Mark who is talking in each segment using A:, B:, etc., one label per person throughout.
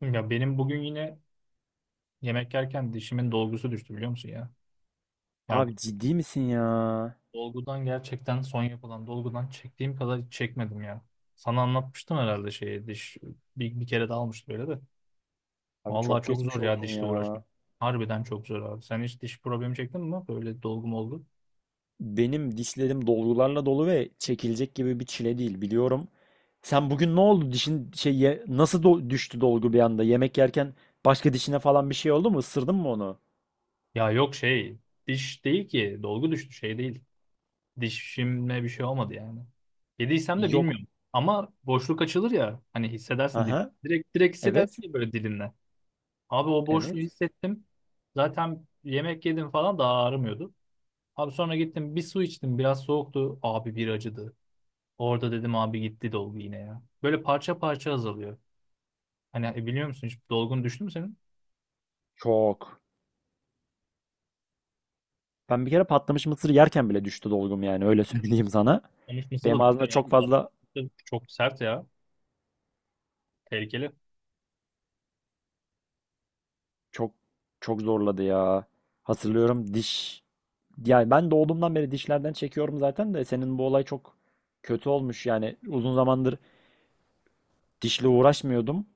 A: Ya benim bugün yine yemek yerken dişimin dolgusu düştü biliyor musun ya? Ya bu
B: Abi ciddi misin ya?
A: dolgudan gerçekten son yapılan dolgudan çektiğim kadar çekmedim ya. Sana anlatmıştım herhalde şeyi diş bir kere de almıştı böyle de.
B: Abi
A: Vallahi
B: çok
A: çok
B: geçmiş
A: zor ya
B: olsun
A: dişle
B: ya.
A: uğraşmak. Harbiden çok zor abi. Sen hiç diş problemi çektin mi? Böyle dolgum oldu.
B: Benim dişlerim dolgularla dolu ve çekilecek gibi bir çile değil biliyorum. Sen bugün ne oldu? Dişin nasıl düştü dolgu bir anda? Yemek yerken başka dişine falan bir şey oldu mu? Isırdın mı onu?
A: Ya yok şey diş değil ki dolgu düştü şey değil. Dişimle bir şey olmadı yani. Yediysem de
B: Yok.
A: bilmiyorum. Ama boşluk açılır ya hani hissedersin dilin.
B: Aha.
A: Direkt direkt
B: Evet.
A: hissedersin ya böyle dilinle. Abi o boşluğu
B: Evet.
A: hissettim. Zaten yemek yedim falan daha ağrımıyordu. Abi sonra gittim bir su içtim. Biraz soğuktu. Abi bir acıdı. Orada dedim abi gitti dolgu yine ya. Böyle parça parça azalıyor. Hani biliyor musun hiç dolgun düştü mü senin?
B: Çok. Ben bir kere patlamış mısır yerken bile düştü dolgum yani öyle söyleyeyim sana.
A: Konuşması da
B: Benim ağzımda
A: düşer
B: çok
A: abi.
B: fazla,
A: Tatlı. Çok sert ya. Tehlikeli.
B: çok çok zorladı ya. Hatırlıyorum diş. Yani ben doğduğumdan beri dişlerden çekiyorum zaten de senin bu olay çok kötü olmuş. Yani uzun zamandır dişle uğraşmıyordum.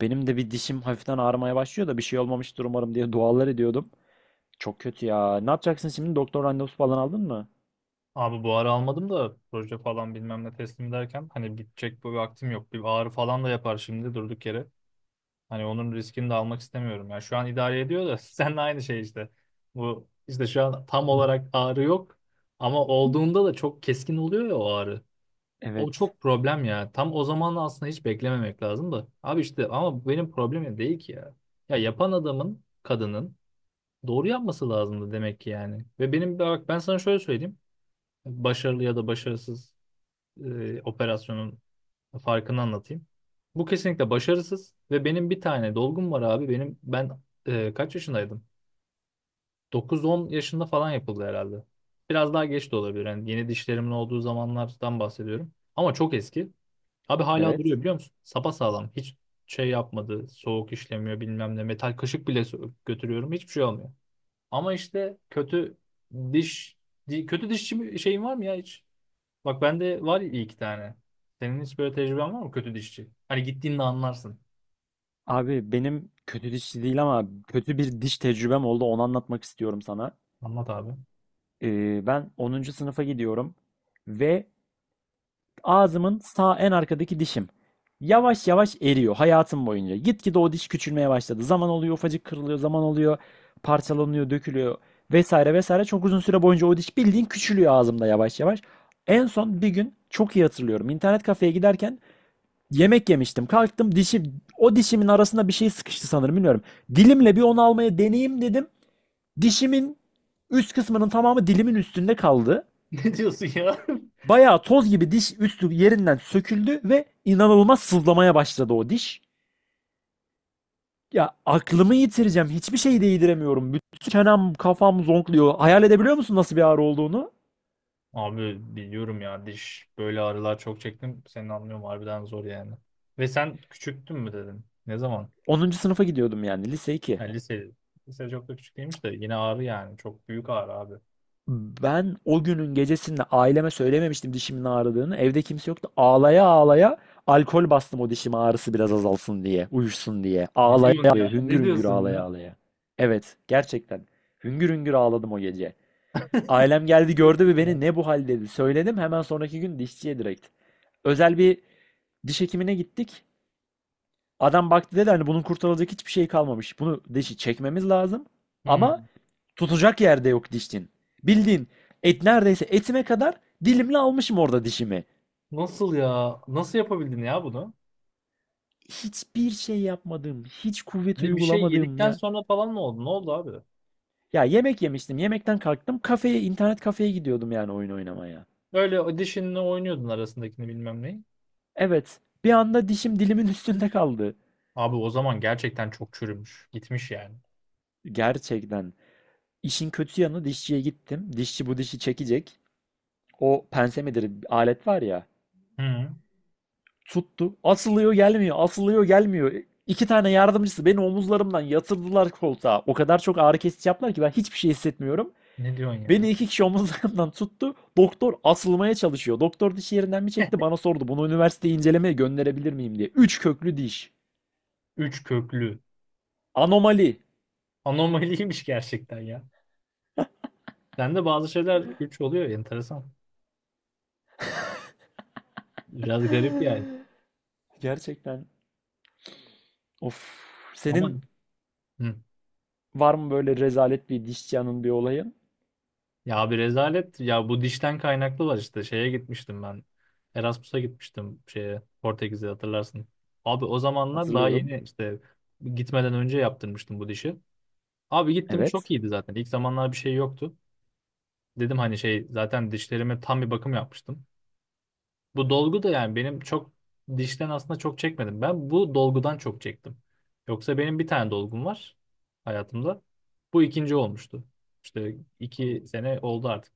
B: Benim de bir dişim hafiften ağrımaya başlıyor da bir şey olmamıştır umarım diye dualar ediyordum. Çok kötü ya. Ne yapacaksın şimdi? Doktor randevusu falan aldın mı?
A: Abi bu ara almadım da proje falan bilmem ne teslim ederken hani bitecek bu vaktim yok. Bir ağrı falan da yapar şimdi durduk yere. Hani onun riskini de almak istemiyorum. Yani şu an idare ediyor da seninle aynı şey işte. Bu işte şu an tam olarak ağrı yok ama olduğunda da çok keskin oluyor ya o ağrı. O
B: Evet.
A: çok problem ya. Tam o zaman aslında hiç beklememek lazım da. Abi işte ama bu benim problemim değil ki ya. Ya yapan adamın, kadının doğru yapması lazımdı demek ki yani. Ve benim bak ben sana şöyle söyleyeyim. Başarılı ya da başarısız operasyonun farkını anlatayım. Bu kesinlikle başarısız ve benim bir tane dolgum var abi. Ben kaç yaşındaydım? 9-10 yaşında falan yapıldı herhalde. Biraz daha geç de olabilir. Yani yeni dişlerimin olduğu zamanlardan bahsediyorum. Ama çok eski. Abi hala
B: Evet.
A: duruyor biliyor musun? Sapasağlam. Hiç şey yapmadı. Soğuk işlemiyor bilmem ne. Metal kaşık bile götürüyorum. Hiçbir şey olmuyor. Ama işte diş kötü dişçi şeyin var mı ya hiç? Bak bende var iyi iki tane. Senin hiç böyle tecrüben var mı kötü dişçi? Hani gittiğinde anlarsın.
B: Abi benim kötü dişçi değil ama kötü bir diş tecrübem oldu. Onu anlatmak istiyorum sana.
A: Anlat abi.
B: Ben onuncu sınıfa gidiyorum ve ağzımın sağ en arkadaki dişim yavaş yavaş eriyor hayatım boyunca. Gitgide o diş küçülmeye başladı. Zaman oluyor, ufacık kırılıyor, zaman oluyor, parçalanıyor, dökülüyor, vesaire vesaire. Çok uzun süre boyunca o diş bildiğin küçülüyor ağzımda yavaş yavaş. En son bir gün çok iyi hatırlıyorum. İnternet kafeye giderken yemek yemiştim. Kalktım, dişi, o dişimin arasında bir şey sıkıştı sanırım, bilmiyorum. Dilimle bir onu almaya deneyeyim dedim. Dişimin üst kısmının tamamı dilimin üstünde kaldı.
A: Ne diyorsun ya?
B: Bayağı toz gibi diş üstü yerinden söküldü ve inanılmaz sızlamaya başladı o diş. Ya aklımı yitireceğim. Hiçbir şeyi değdiremiyorum. Bütün çenem, kafam zonkluyor. Hayal edebiliyor musun nasıl bir ağrı olduğunu?
A: Abi biliyorum ya diş böyle ağrılar çok çektim. Seni anlıyorum harbiden zor yani. Ve sen küçüktün mü dedin? Ne zaman?
B: Onuncu sınıfa gidiyordum, yani lise 2.
A: Ha, lise. Lise çok da küçük değilmiş de yine ağrı yani. Çok büyük ağrı abi.
B: Ben o günün gecesinde aileme söylememiştim dişimin ağrıdığını. Evde kimse yoktu. Ağlaya ağlaya alkol bastım o dişime, ağrısı biraz azalsın diye, uyuşsun diye.
A: Ne
B: Ağlaya
A: diyorsun
B: ağlaya,
A: ya?
B: hüngür
A: Ne
B: hüngür
A: diyorsun
B: ağlaya
A: ya?
B: ağlaya. Evet, gerçekten. Hüngür hüngür ağladım o gece. Ailem geldi
A: Çok
B: gördü ve
A: kötü ya.
B: beni ne bu hal dedi. Söyledim hemen sonraki gün dişçiye direkt. Özel bir diş hekimine gittik. Adam baktı, dedi hani bunun kurtarılacak hiçbir şey kalmamış, bunu dişi çekmemiz lazım. Ama
A: Hmm.
B: tutacak yerde yok dişin. Bildiğin et, neredeyse etime kadar dilimle almışım orada dişimi.
A: Nasıl ya? Nasıl yapabildin ya bunu?
B: Hiçbir şey yapmadım. Hiç kuvvet
A: Ne bir şey
B: uygulamadım
A: yedikten
B: ya.
A: sonra falan mı oldu? Ne oldu abi?
B: Ya yemek yemiştim. Yemekten kalktım. Kafeye, internet kafeye gidiyordum, yani oyun oynamaya.
A: Öyle audition'la oynuyordun arasındakini bilmem neyi.
B: Evet. Bir anda dişim dilimin üstünde kaldı.
A: Abi o zaman gerçekten çok çürümüş. Gitmiş yani.
B: Gerçekten. İşin kötü yanı, dişçiye gittim. Dişçi bu dişi çekecek. O pense midir alet var ya.
A: Hı.
B: Tuttu. Asılıyor gelmiyor. Asılıyor gelmiyor. İki tane yardımcısı beni omuzlarımdan yatırdılar koltuğa. O kadar çok ağrı kesici yaptılar ki ben hiçbir şey hissetmiyorum.
A: Ne diyorsun
B: Beni
A: ya?
B: iki kişi omuzlarımdan tuttu. Doktor asılmaya çalışıyor. Doktor dişi yerinden mi çekti? Bana sordu, bunu üniversiteye incelemeye gönderebilir miyim diye. Üç köklü diş.
A: 3 köklü.
B: Anomali.
A: Anomaliymiş gerçekten ya. Sende bazı şeyler üç oluyor. Enteresan. Biraz garip yani.
B: Gerçekten. Of.
A: Ama
B: Senin
A: hı.
B: var mı böyle rezalet bir dişçi anın, bir olayı?
A: Ya bir rezalet. Ya bu dişten kaynaklı var işte. Şeye gitmiştim ben. Erasmus'a gitmiştim şeye. Portekiz'e hatırlarsın. Abi o zamanlar daha
B: Hatırlıyorum.
A: yeni işte gitmeden önce yaptırmıştım bu dişi. Abi gittim çok
B: Evet.
A: iyiydi zaten. İlk zamanlar bir şey yoktu. Dedim hani şey zaten dişlerime tam bir bakım yapmıştım. Bu dolgu da yani benim çok dişten aslında çok çekmedim. Ben bu dolgudan çok çektim. Yoksa benim bir tane dolgum var hayatımda. Bu ikinci olmuştu. İşte iki
B: Oo.
A: sene oldu artık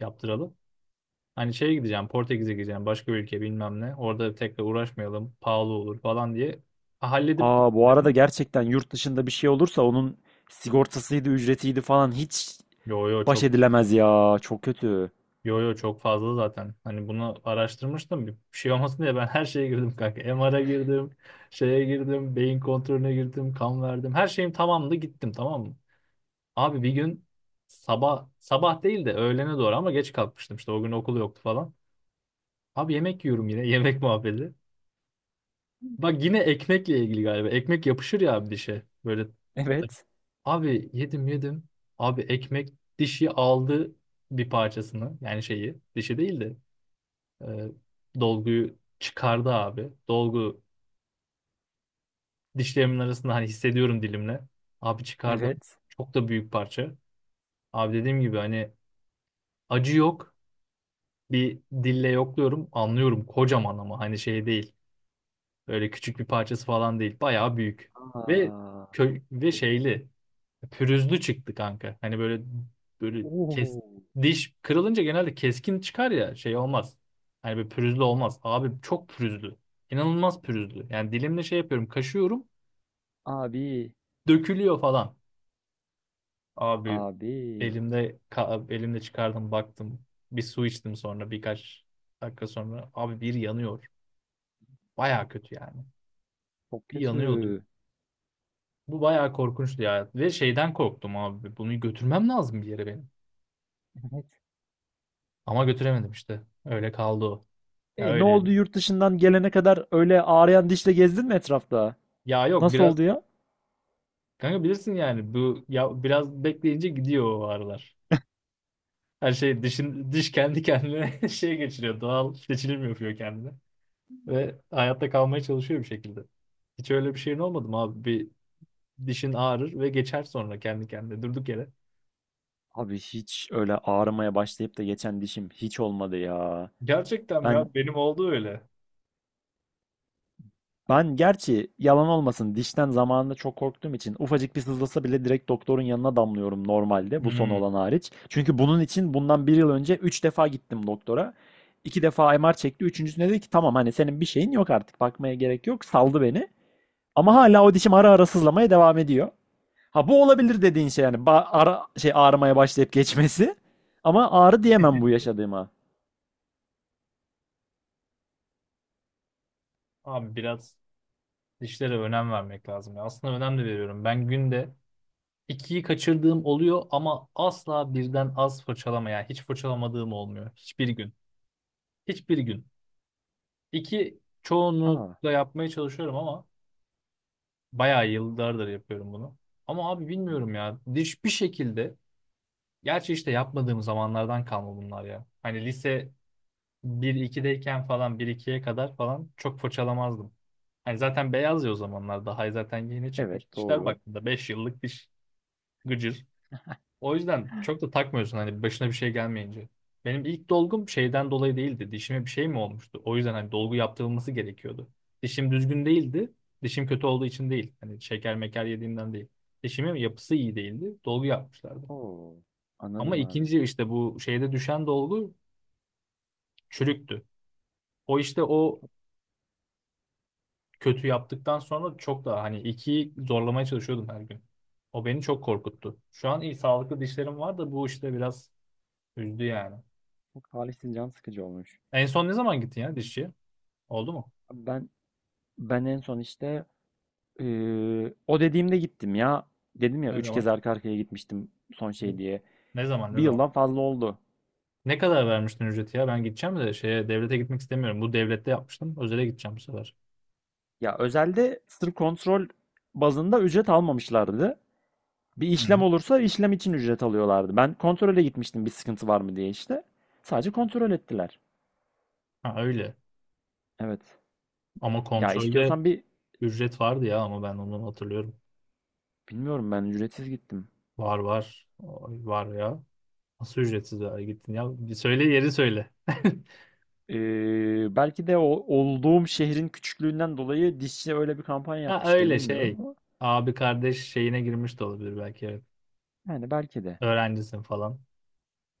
A: yaptıralı. Hani şeye gideceğim Portekiz'e gideceğim başka bir ülke bilmem ne. Orada tekrar uğraşmayalım pahalı olur falan diye. Ha, halledip
B: Aa, bu arada
A: dedim.
B: gerçekten yurt dışında bir şey olursa onun sigortasıydı, ücretiydi falan, hiç
A: Yo yo
B: baş
A: çok
B: edilemez ya. Çok kötü.
A: Yo yo çok fazla zaten. Hani bunu araştırmıştım. Bir şey olmasın diye ben her şeye girdim kanka. MR'a girdim, şeye girdim, beyin kontrolüne girdim, kan verdim. Her şeyim tamamdı gittim tamam mı? Abi bir gün sabah sabah değil de öğlene doğru ama geç kalkmıştım. İşte o gün okul yoktu falan. Abi yemek yiyorum yine yemek muhabbeti. Bak yine ekmekle ilgili galiba. Ekmek yapışır ya abi dişe. Böyle
B: Evet.
A: abi yedim yedim. Abi ekmek dişi aldı bir parçasını yani şeyi dişi değil de E, dolguyu çıkardı abi. Dolgu dişlerimin arasında hani hissediyorum dilimle. Abi çıkardım.
B: Evet.
A: Çok da büyük parça. Abi dediğim gibi hani acı yok. Bir dille yokluyorum. Anlıyorum kocaman ama hani şey değil. Böyle küçük bir parçası falan değil. Bayağı büyük. Ve
B: Aa.
A: kö ve şeyli. Pürüzlü çıktı kanka. Hani böyle böyle kes
B: Oo.
A: diş kırılınca genelde keskin çıkar ya şey olmaz. Hani böyle pürüzlü olmaz. Abi çok pürüzlü. İnanılmaz pürüzlü. Yani dilimle şey yapıyorum, kaşıyorum,
B: Abi.
A: dökülüyor falan. Abi
B: Abi.
A: elimde çıkardım baktım. Bir su içtim sonra birkaç dakika sonra abi bir yanıyor. Baya kötü yani.
B: Çok
A: Bir yanıyordu.
B: kötü.
A: Bu bayağı korkunçtu ya. Ve şeyden korktum abi. Bunu götürmem lazım bir yere benim.
B: Evet.
A: Ama götüremedim işte. Öyle kaldı o. Ya
B: E ne
A: öyle
B: oldu, yurt dışından gelene kadar öyle ağrıyan dişle gezdin mi etrafta?
A: ya yok
B: Nasıl
A: biraz
B: oldu ya?
A: kanka bilirsin yani bu ya biraz bekleyince gidiyor o ağrılar. Her şey dişin diş kendi kendine şey geçiriyor. Doğal seçilim yapıyor kendine ve hayatta kalmaya çalışıyor bir şekilde. Hiç öyle bir şeyin olmadı mı abi? Bir dişin ağrır ve geçer sonra kendi kendine durduk yere.
B: Abi hiç öyle ağrımaya başlayıp da geçen dişim hiç olmadı ya.
A: Gerçekten mi
B: Ben
A: ya benim oldu öyle.
B: Ben gerçi, yalan olmasın, dişten zamanında çok korktuğum için ufacık bir sızlasa bile direkt doktorun yanına damlıyorum normalde, bu son
A: Hmm.
B: olan hariç. Çünkü bunun için bundan bir yıl önce 3 defa gittim doktora. İki defa MR çekti. Üçüncüsünde dedi ki tamam, hani senin bir şeyin yok artık, bakmaya gerek yok. Saldı beni. Ama hala o dişim ara ara sızlamaya devam ediyor. Ha, bu olabilir dediğin şey, yani ara şey ağrımaya başlayıp geçmesi. Ama ağrı diyemem bu yaşadığıma.
A: Abi biraz dişlere önem vermek lazım ya. Aslında önem de veriyorum. Ben günde ikiyi kaçırdığım oluyor ama asla birden az fırçalama yani hiç fırçalamadığım olmuyor. Hiçbir gün. Hiçbir gün. İki
B: Aa,
A: çoğunlukla yapmaya çalışıyorum ama bayağı yıllardır yapıyorum bunu. Ama abi bilmiyorum ya. Diş bir şekilde gerçi işte yapmadığım zamanlardan kalma bunlar ya. Hani lise 1-2'deyken falan bir ikiye kadar falan çok fırçalamazdım. Hani zaten beyaz ya o zamanlar daha zaten yeni çıkmış
B: evet,
A: dişler
B: doğru.
A: baktığında 5 yıllık diş gıcır. O yüzden çok da takmıyorsun hani başına bir şey gelmeyince. Benim ilk dolgum şeyden dolayı değildi. Dişime bir şey mi olmuştu? O yüzden hani dolgu yaptırılması gerekiyordu. Dişim düzgün değildi. Dişim kötü olduğu için değil. Hani şeker meker yediğimden değil. Dişimin yapısı iyi değildi. Dolgu yapmışlardı.
B: Oo,
A: Ama
B: anladım abi.
A: ikinci işte bu şeyde düşen dolgu çürüktü. O işte o kötü yaptıktan sonra çok daha hani ikiyi zorlamaya çalışıyordum her gün. O beni çok korkuttu. Şu an iyi sağlıklı dişlerim var da bu işte biraz üzdü yani.
B: Çok talihsiz, can sıkıcı olmuş.
A: En son ne zaman gittin ya dişçiye? Oldu mu?
B: Ben ben en son işte, o dediğimde gittim ya. Dedim ya,
A: Ne
B: üç kez
A: zaman?
B: arka arkaya gitmiştim son
A: Ne
B: şey diye.
A: ne zaman ne
B: Bir
A: zaman?
B: yıldan fazla oldu.
A: Ne kadar vermiştin ücreti ya? Ben gideceğim de şeye devlete gitmek istemiyorum. Bu devlette yapmıştım. Özele gideceğim bu sefer.
B: Ya özelde sırf kontrol bazında ücret almamışlardı. Bir
A: Hı
B: işlem
A: hı.
B: olursa işlem için ücret alıyorlardı. Ben kontrole gitmiştim, bir sıkıntı var mı diye işte. Sadece kontrol ettiler.
A: Ha öyle.
B: Evet.
A: Ama
B: Ya
A: kontrolde
B: istiyorsan bir,
A: ücret vardı ya ama ben onu hatırlıyorum.
B: bilmiyorum, ben ücretsiz gittim.
A: Var var. Ay, var ya. Nasıl ücretsiz ya gittin ya? Bir söyle yeri söyle.
B: Belki de o olduğum şehrin küçüklüğünden dolayı dişçi öyle bir kampanya
A: Ha
B: yapmıştır,
A: öyle
B: bilmiyorum,
A: şey.
B: ama
A: Abi kardeş şeyine girmiş de olabilir belki. Evet.
B: yani belki de.
A: Öğrencisin falan.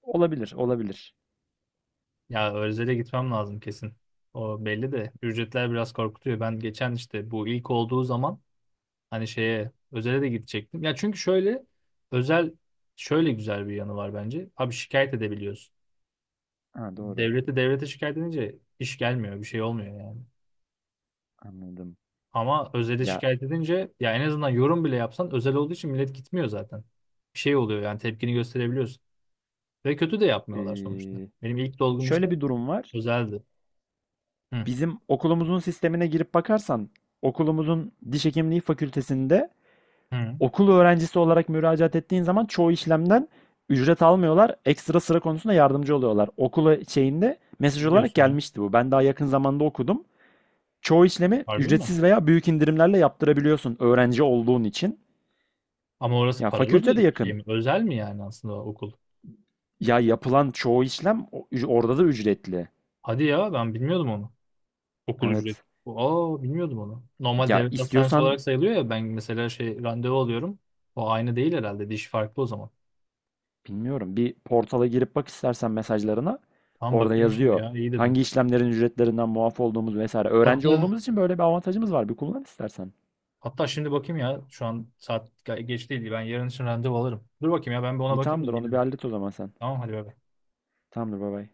B: Olabilir, olabilir.
A: Ya Özel'e gitmem lazım kesin. O belli de ücretler biraz korkutuyor. Ben geçen işte bu ilk olduğu zaman hani şeye Özel'e de gidecektim. Ya çünkü şöyle Özel şöyle güzel bir yanı var bence. Abi şikayet edebiliyorsun.
B: Ha, doğru.
A: Devlete devlete şikayet edince iş gelmiyor, bir şey olmuyor yani.
B: Anladım.
A: Ama Özel'e
B: Ya,
A: şikayet edince ya en azından yorum bile yapsan Özel olduğu için millet gitmiyor zaten. Bir şey oluyor yani tepkini gösterebiliyorsun. Ve kötü de yapmıyorlar sonuçta.
B: eee,
A: Benim ilk dolgum işte
B: şöyle bir durum var.
A: Özel'di. Hı,
B: Bizim okulumuzun sistemine girip bakarsan, okulumuzun diş hekimliği fakültesinde
A: hı.
B: okul öğrencisi olarak müracaat ettiğin zaman çoğu işlemden ücret almıyorlar. Ekstra sıra konusunda yardımcı oluyorlar. Okula şeyinde mesaj
A: Ne
B: olarak
A: diyorsun ya?
B: gelmişti bu. Ben daha yakın zamanda okudum. Çoğu işlemi
A: Harbi mi?
B: ücretsiz veya büyük indirimlerle yaptırabiliyorsun öğrenci olduğun için.
A: Ama orası
B: Ya
A: paralı
B: fakülte de
A: bir şey
B: yakın.
A: mi? Özel mi yani aslında o okul?
B: Ya yapılan çoğu işlem, orada da ücretli.
A: Hadi ya ben bilmiyordum onu. Okul ücreti.
B: Evet.
A: Aa bilmiyordum onu. Normal
B: Ya
A: devlet hastanesi
B: istiyorsan,
A: olarak sayılıyor ya ben mesela şey randevu alıyorum. O aynı değil herhalde. Diş farklı o zaman.
B: bilmiyorum, bir portala girip bak istersen mesajlarına.
A: Tamam
B: Orada
A: bakıyorum şimdi
B: yazıyor.
A: ya iyi dedin.
B: Hangi işlemlerin ücretlerinden muaf olduğumuz vesaire. Öğrenci
A: Hatta
B: olduğumuz için böyle bir avantajımız var. Bir kullan istersen.
A: hatta şimdi bakayım ya şu an saat geç değil. Ben yarın için randevu alırım. Dur bakayım ya ben bir ona
B: İyi,
A: bakayım da
B: tamamdır, onu bir
A: gelirim.
B: hallet o zaman sen.
A: Tamam hadi bay bay.
B: Tamamdır, bay bay.